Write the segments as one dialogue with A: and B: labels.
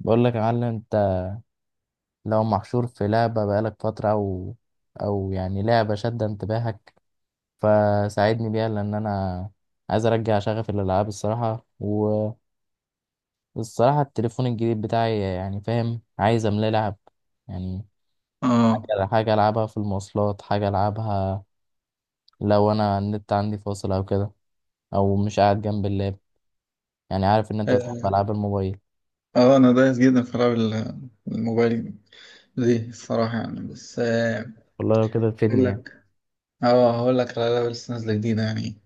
A: بقول لك يا معلم انت، لو محشور في لعبة بقالك فترة او يعني لعبة شادة انتباهك، فساعدني بيها لان انا عايز ارجع شغف الالعاب الصراحة. والصراحة التليفون الجديد بتاعي يعني فاهم، عايز املاه لعب يعني.
B: اه
A: حاجة العبها في المواصلات، حاجة العبها لو انا النت عندي فاصل او كده، او مش قاعد جنب اللاب. يعني عارف ان انت بتحب
B: اه
A: العاب الموبايل،
B: انا دايس جدا في العاب الموبايل دي الصراحة يعني بس آه،
A: والله لو كده
B: اقول
A: تفيدني يعني.
B: لك اه هقول لك على العاب اللي لسه نازلة جديدة يعني.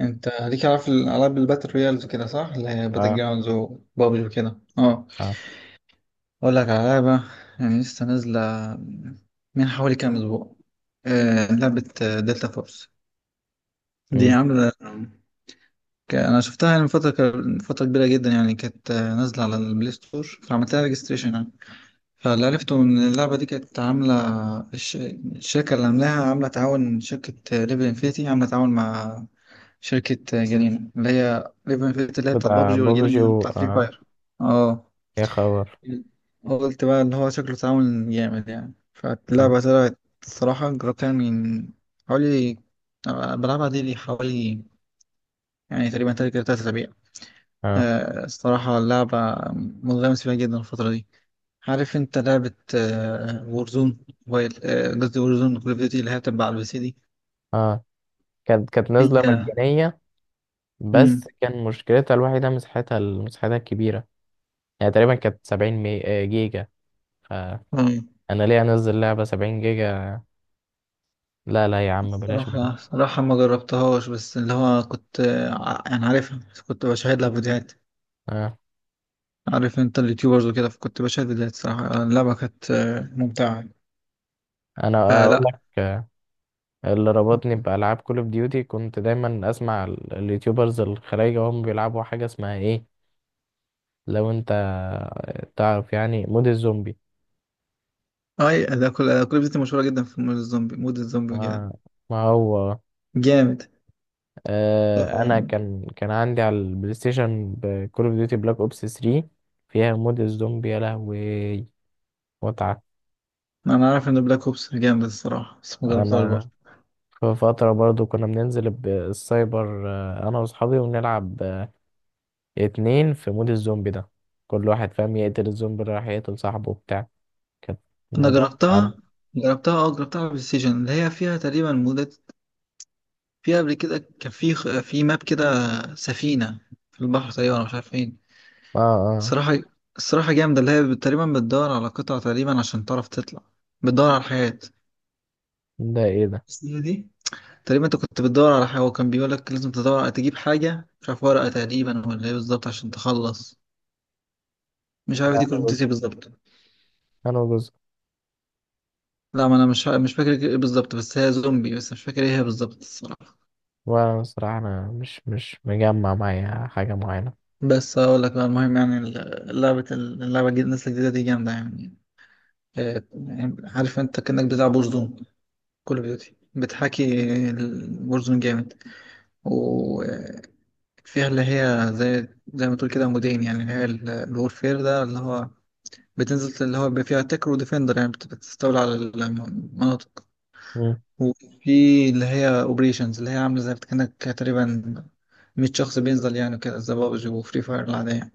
B: انت ليك عارف الالعاب الباتل رويالز كده صح؟ اللي هي باتل
A: اه.
B: جراوندز وبابجي وكده. اه،
A: اه.
B: اقول لك على لعبة يعني لسه نازلة من حوالي كام اسبوع. لعبة دلتا فورس دي
A: مم.
B: عاملة. انا شفتها يعني من فترة من فترة كبيرة جدا يعني، كانت نازلة على البلاي ستور، فعملت لها ريجستريشن. فاللي عرفته إن اللعبة دي كانت عاملة، الشركة اللي عاملاها عاملة تعاون. شركة ليفل انفينيتي عاملة تعاون مع شركة جنين، اللي هي ليفل انفينيتي اللي هي بتاعت
A: بتاع
B: بابجي، والجنين
A: بابجي
B: اللي
A: و
B: بتاع فري
A: اه.
B: فاير. اه،
A: يا خبر.
B: قلت بقى اللي هو شكله تعاون جامد يعني. فاللعبة طلعت الصراحة، جربتها من حوالي، بلعبها دي لي حوالي، يعني تقريبا تلات أسابيع.
A: اه.
B: الصراحة اللعبة منغمس فيها جدا الفترة دي. عارف انت لعبة وورزون موبايل، قصدي وورزون كول اوف ديوتي اللي هي تبع على البي سي دي؟
A: اه. كانت نازلة
B: هي.
A: مجانية، بس
B: مم.
A: كان مشكلتها الوحيدة مساحتها الكبيرة. يعني تقريبا كانت سبعين مي... آه، جيجا. فأنا
B: اه،
A: ليه أنزل لعبة سبعين جيجا؟ لا لا يا عم، بلاش منه.
B: الصراحة صراحة ما جربتهاش، بس اللي هو كنت يعني عارفها، بس كنت بشاهد لها فيديوهات.
A: آه.
B: عارف انت اليوتيوبرز وكده، فكنت بشاهد فيديوهات. صراحة اللعبة كانت ممتعة.
A: أنا
B: آه
A: أقول لك،
B: لا،
A: اللي ربطني بألعاب كول أوف ديوتي، كنت دايما أسمع اليوتيوبرز الخلايجة وهم بيلعبوا حاجة اسمها إيه؟ لو أنت تعرف يعني مود الزومبي.
B: اي ده، كل ده كل فيديوهات مشهورة جدا في مود الزومبي، مود الزومبي وكده.
A: آه. ما هو
B: جامد.
A: انا
B: آه،
A: كان عندي على البلاي ستيشن كول اوف ديوتي بلاك اوبس 3، فيها مود الزومبي. يا لهوي متعه!
B: انا عارف ان بلاك اوبس جامد الصراحة، بس ما جربتهاش برضه.
A: انا في فتره برضو كنا بننزل السايبر، انا واصحابي ونلعب اتنين في مود الزومبي ده. كل واحد فاهم يقتل الزومبي اللي راح يقتل صاحبه وبتاع. كانت
B: انا
A: الموضوع انا.
B: جربتها، جربتها، اه جربتها على البلاي ستيشن اللي هي فيها تقريبا مدة. فيها قبل كده كان في ماب كده، سفينة في البحر تقريبا، أنا مش عارف فين
A: اه. اه.
B: الصراحة. الصراحة جامدة، اللي هي تقريبا بتدور على قطع تقريبا عشان تعرف تطلع، بتدور على الحياة.
A: ده ايه ده؟
B: بس هي دي تقريبا، انت كنت بتدور على حاجة وكان بيقولك لازم تدور تجيب حاجة، مش عارف ورقة تقريبا ولا ايه بالظبط، عشان تخلص. مش عارف
A: ده
B: دي كنت
A: انا جزء
B: بتسيب بالظبط.
A: انا جزء.
B: لا، ما انا مش فاكر ايه بالظبط، بس هي زومبي، بس مش فاكر ايه هي بالظبط الصراحة.
A: وانا الصراحه انا مش مجمع معايا حاجه معينه.
B: بس اقول لك بقى المهم، يعني اللعبة الجديدة الناس الجديدة دي جامدة يعني. يعني عارف انت كأنك بتلعب بورزون، كول اوف ديوتي بتحاكي البورزون، جامد. وفيها اللي هي زي، زي ما تقول كده، مودين يعني. اللي هي الورفير ده، اللي هو بتنزل، اللي هو بيبقى فيها تكر وديفندر يعني، بتستولي على المناطق. وفي اللي هي اوبريشنز، اللي هي عاملة زي كأنك تقريبا 100 شخص بينزل، يعني كده زي بابجي وفري فاير العادية.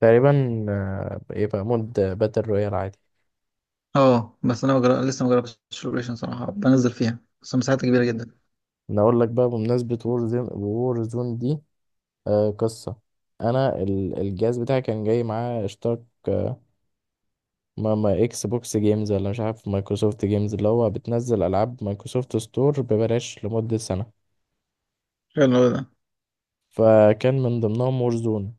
A: تقريبا، آه، يبقى مود باتل رويال عادي.
B: اه، بس انا لسه ما جربتش الاوبريشن صراحه، بنزل فيها بس مساحتها كبيره جدا.
A: انا اقول لك بقى، بمناسبة وور زون، وور زون دي آه قصة. انا الجهاز بتاعي كان جاي معاه اشتراك، آه، ما اكس بوكس جيمز ولا مش عارف مايكروسوفت جيمز، اللي هو بتنزل العاب مايكروسوفت ستور ببلاش لمدة سنة.
B: حلو أوي ده.
A: فكان من ضمنهم وور زون.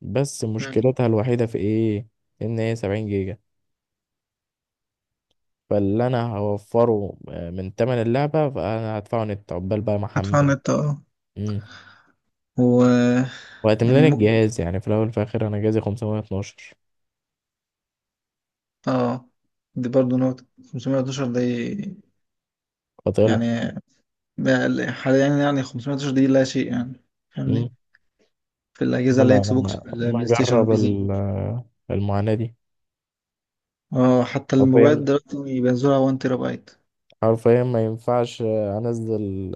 A: بس
B: مم.
A: مشكلتها الوحيدة في ايه؟ ان هي 70 جيجا. فاللي انا هوفره من تمن اللعبة، فانا هدفعه نت عقبال بقى
B: هدفع
A: محمل.
B: النت اه، و يعني
A: وهتملاني
B: ممكن،
A: الجهاز. يعني في الاول وفي الاخر انا جهازي 512،
B: اه دي برضه نقطة. 512 دي
A: فطلع.
B: يعني، ده حاليا يعني 512 دي لا شيء يعني،
A: مم.
B: فاهمني، في الأجهزة اللي هي
A: انا
B: إكس بوكس
A: انا
B: في
A: ما
B: البلاي ستيشن
A: اجرب
B: والبي سي.
A: المعاناة دي.
B: اه، حتى الموبايلات
A: حرفيا،
B: دلوقتي بينزلوها 1 تيرا بايت.
A: حرفيا ما ينفعش انزل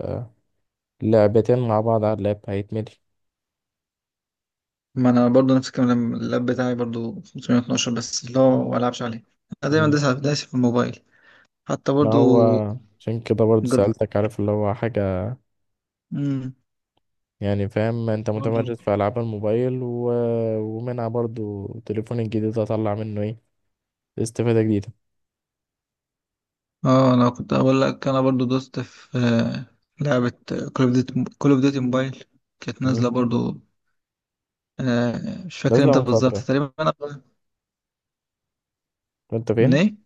A: لعبتين مع بعض على اللاب، هيتملي.
B: ما أنا برضه نفس الكلام، لما اللاب بتاعي برضه 512، بس اللي هو ما ألعبش عليه. أنا دايما
A: مم.
B: دايس دايس في الموبايل. حتى
A: ما
B: برضه.
A: هو عشان كده برضو
B: جد.
A: سألتك، عارف اللي هو حاجة
B: مم.
A: يعني، فاهم انت
B: برضه.
A: متمرس في ألعاب الموبايل و... ومنها برضو تليفون الجديد هطلع منه ايه، استفادة جديدة.
B: اه، انا كنت اقول لك انا برضو دوست في لعبة كول اوف ديوتي، كول اوف ديوتي موبايل، كانت نازلة
A: مم.
B: برضو. مش فاكر
A: نازلة
B: امتى
A: من
B: بالظبط
A: فترة.
B: تقريبا انا،
A: انت
B: من
A: فين؟
B: ايه.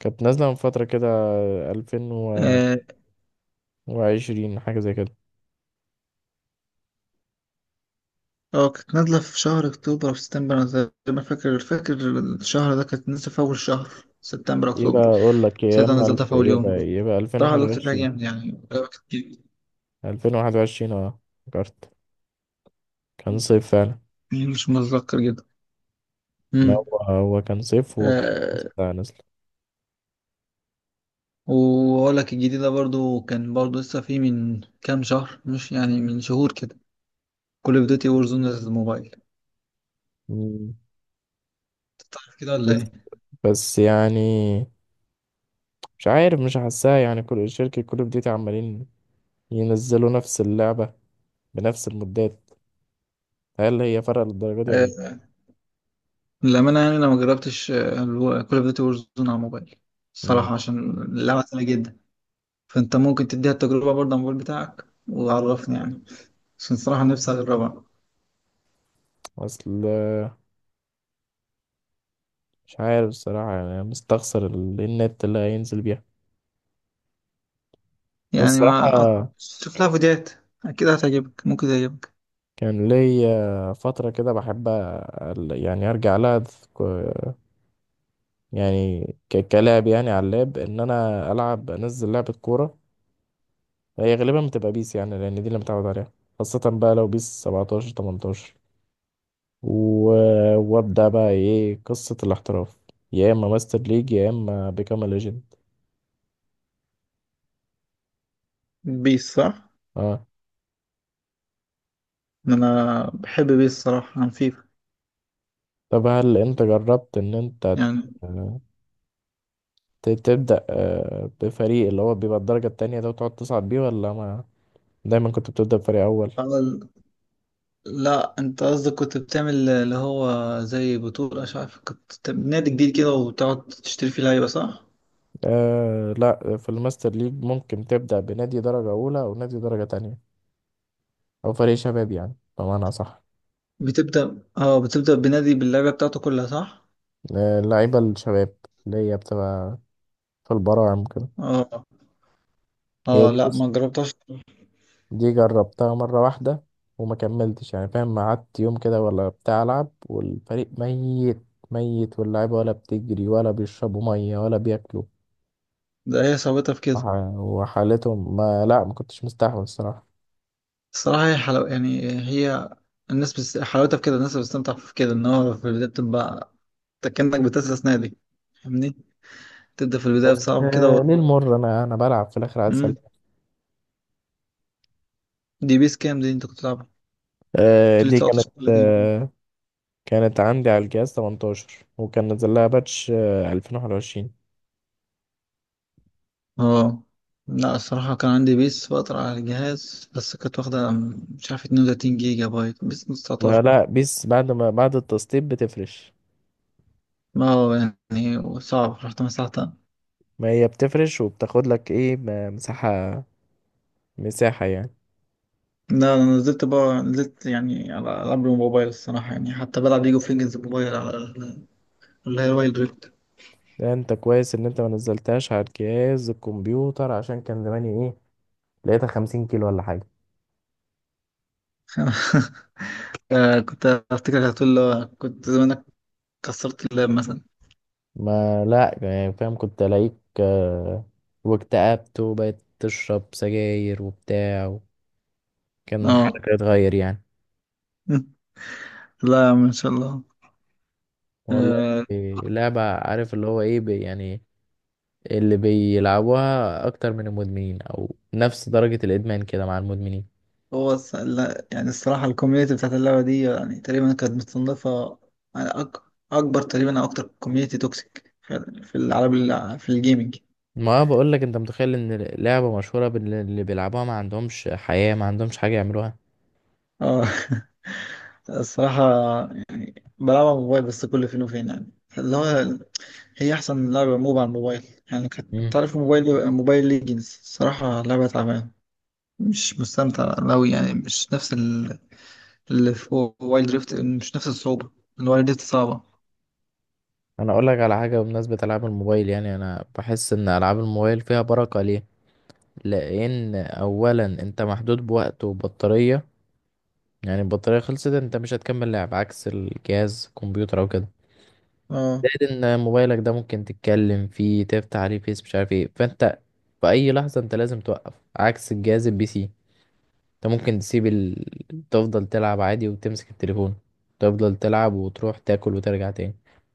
A: كانت نازلة من فترة كده، 2000
B: اه
A: وعشرين حاجة زي كده.
B: كانت نازلة في شهر اكتوبر او سبتمبر انا تقريبا فاكر. الشهر ده كانت نازلة في اول شهر سبتمبر
A: يبقى
B: اكتوبر.
A: أقول لك يا
B: ساعتها
A: إما
B: نزلتها
A: ألف،
B: في اول يوم.
A: يبقى ألفين
B: بصراحة
A: وواحد
B: لعبت فيها
A: وعشرين.
B: جامد، يعني لعبة كانت جامدة.
A: ألفين وواحد وعشرين، أه. فكرت، كان
B: مم.
A: صيف فعلا.
B: مش متذكر جدا.
A: ما هو هو كان صيف وكان
B: امم
A: لسه نازل.
B: واقول لك الجديده برضو، كان برضو لسه في من كام شهر، مش يعني من شهور كده. كول اوف ديوتي وور زون للموبايل، أنت
A: مم.
B: تعرف كده ولا
A: بس
B: ايه؟
A: بس يعني مش عارف، مش حاساها. يعني كل شركة كول أوف ديوتي عمالين ينزلوا نفس اللعبة بنفس المدات. هل هي فرق للدرجة دي ولا؟
B: آه، للامانه يعني انا ما جربتش كول اوف ديوتي وور زون على الموبايل
A: مم.
B: الصراحه، عشان اللعبه سهله جدا. فانت ممكن تديها التجربه برضه على الموبايل بتاعك وعرفني يعني، عشان الصراحه نفسي اجربها.
A: أصل مش عارف الصراحة، يعني مستخسر النت اللي هينزل بيها، بس
B: يعني
A: الصراحة
B: ما أط- شوف لها فيديوهات، اكيد هتعجبك، ممكن تعجبك.
A: كان ليا فترة كده بحب يعني أرجع لها. ك- يعني كلاعب يعني على اللاب، إن أنا ألعب أنزل لعبة كورة. هي غالبا بتبقى بيس، يعني لأن دي اللي متعود عليها. خاصة بقى لو بيس 17، 18، و... وأبدأ بقى إيه، قصة الاحتراف، يا إما ماستر ليج يا إما بيكام ليجند.
B: بيس صح.
A: أه.
B: انا بحب بيس الصراحه عن فيفا
A: طب هل أنت جربت إن أنت تبدأ بفريق اللي هو بيبقى الدرجة التانية ده وتقعد تصعد بيه، ولا ما دايما كنت بتبدأ بفريق أول؟
B: يعني. لا، انت قصدك كنت بتعمل اللي هو زي بطولة، مش عارف، كنت نادي جديد كده وتقعد تشتري فيه لعيبة صح؟
A: آه لا، في الماستر ليج ممكن تبدأ بنادي درجة أولى أو نادي درجة تانية أو فريق شباب، يعني بمعنى صح.
B: بتبدأ، اه بتبدأ بنادي باللعبة بتاعته كلها صح؟
A: اللعيبة الشباب اللي هي بتبقى في البراعم كده.
B: اه،
A: هي
B: اه
A: دي،
B: لا ما
A: بص.
B: جربتهاش.
A: دي جربتها مرة واحدة وما كملتش، يعني فاهم، قعدت يوم كده ولا بتاع ألعب والفريق ميت ميت، واللعيبة ولا بتجري ولا بيشربوا مية ولا بياكلوا،
B: ده هي صعوبتها في كده.
A: وحالتهم ما لا، ما كنتش مستحمل الصراحة.
B: الصراحة هي حلو يعني، هي الناس حلاوتها في كده، الناس بتستمتع في كده ان هو في البداية بتبقى أنت كأنك بتأسس نادي، فاهمني؟ تبدأ في البداية
A: بس،
B: بصعب كده
A: آه،
B: و...
A: ليه المر؟ أنا بلعب في الآخر عايز أسلم.
B: مم. دي بيس كام دي انت كنت بتلعبها؟
A: دي كانت،
B: 19 ولا كام؟
A: كانت عندي على الجهاز 18، وكان نزل لها باتش، آه، 2021.
B: اه لا، الصراحة كان عندي بيس فترة على الجهاز، بس كانت واخدة، مش عارف، 32 جيجا بايت بيس
A: ما
B: 19.
A: لا، بيس بعد التسطيب بتفرش.
B: ما هو يعني صعب، رحت مسحتها.
A: ما هي بتفرش وبتاخد لك ايه، مساحة، مساحة يعني.
B: لا، أنا نزلت بقى، نزلت يعني على العاب الموبايل الصراحة يعني. حتى بلعب ليج اوف ليجندز موبايل على اللي هي وايلد ريفت.
A: ده انت كويس ان انت ما نزلتهاش على الجهاز الكمبيوتر، عشان كان زماني ايه، لقيتها 50 كيلو ولا حاجة.
B: كنت افتكر هتقول له كنت زمانك كسرت اللاب مثلا.
A: ما لا يعني فاهم، كنت الاقيك، آه، واكتئبت وبقيت تشرب سجاير وبتاع. كان
B: اه.
A: حالك هتتغير يعني.
B: لا يا عم ان شاء الله.
A: والله.
B: آه،
A: إيه، لعبة عارف اللي هو ايه، يعني اللي بيلعبوها اكتر من المدمنين، او نفس درجة الادمان كده مع المدمنين.
B: هو لا يعني الصراحة الكوميونتي بتاعت اللعبة دي يعني تقريبا كانت متصنفة على أكبر تقريبا أو أكتر كوميونتي توكسيك في في العالم في الجيمنج.
A: ما بقول لك، انت متخيل ان لعبة مشهورة اللي بيلعبوها ما عندهمش حياة، ما عندهمش حاجة يعملوها.
B: اه. الصراحة بلعبها على الموبايل بس كل فين وفين يعني، اللي هو هي أحسن لعبة موب على الموبايل يعني. كانت
A: مم.
B: تعرف موبايل موبايل ليجنز؟ الصراحة لعبة تعبانة، مش مستمتع أوي يعني. مش نفس اللي في وايلد ريفت، مش نفس الصعوبة، الوايلد ريفت صعبة.
A: انا اقول لك على حاجة، بمناسبة العاب الموبايل يعني، انا بحس ان العاب الموبايل فيها بركة. ليه؟ لان اولا انت محدود بوقت وبطارية. يعني البطارية خلصت، انت مش هتكمل لعب، عكس الجهاز كمبيوتر او كده.
B: اه،
A: زائد ان موبايلك ده ممكن تتكلم فيه، تفتح عليه فيس، مش عارف ايه، فانت في اي لحظه انت لازم توقف، عكس الجهاز البي سي، انت ممكن تسيب تفضل تلعب عادي وتمسك التليفون، تفضل تلعب وتروح تاكل وترجع تاني.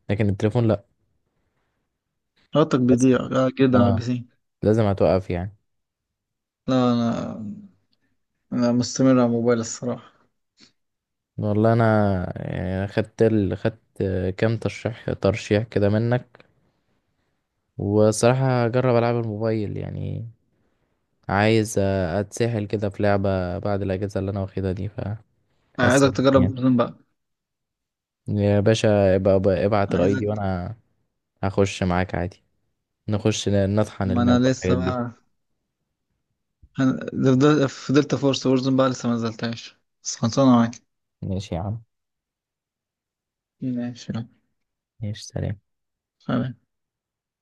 A: لكن التليفون لا،
B: رابطك
A: لازم.
B: بيضيع جدا على البي
A: اه،
B: سي.
A: لازم هتوقف يعني.
B: لا، انا مستمر على موبايل الصراحه.
A: والله انا يعني خدت خدت كام ترشيح كده منك، وصراحه هجرب العب الموبايل يعني. عايز اتسحل كده في لعبه بعد الاجازه اللي انا واخدها دي.
B: أنا
A: هسأل
B: عايزك تجرب
A: يعني.
B: وورزون بقى.
A: يا باشا، ابعت الاي دي
B: عايزك.
A: وانا هخش معاك عادي. نخش نطحن
B: ما انا
A: الماب
B: لسه
A: والحاجات دي.
B: بقى، أنا فضلت فرصه وورزون بقى لسه ما نزلتهاش، بس خلصانه معاك.
A: ماشي يا عم.
B: ماشي يلا.
A: ماشي سلام.
B: سلام.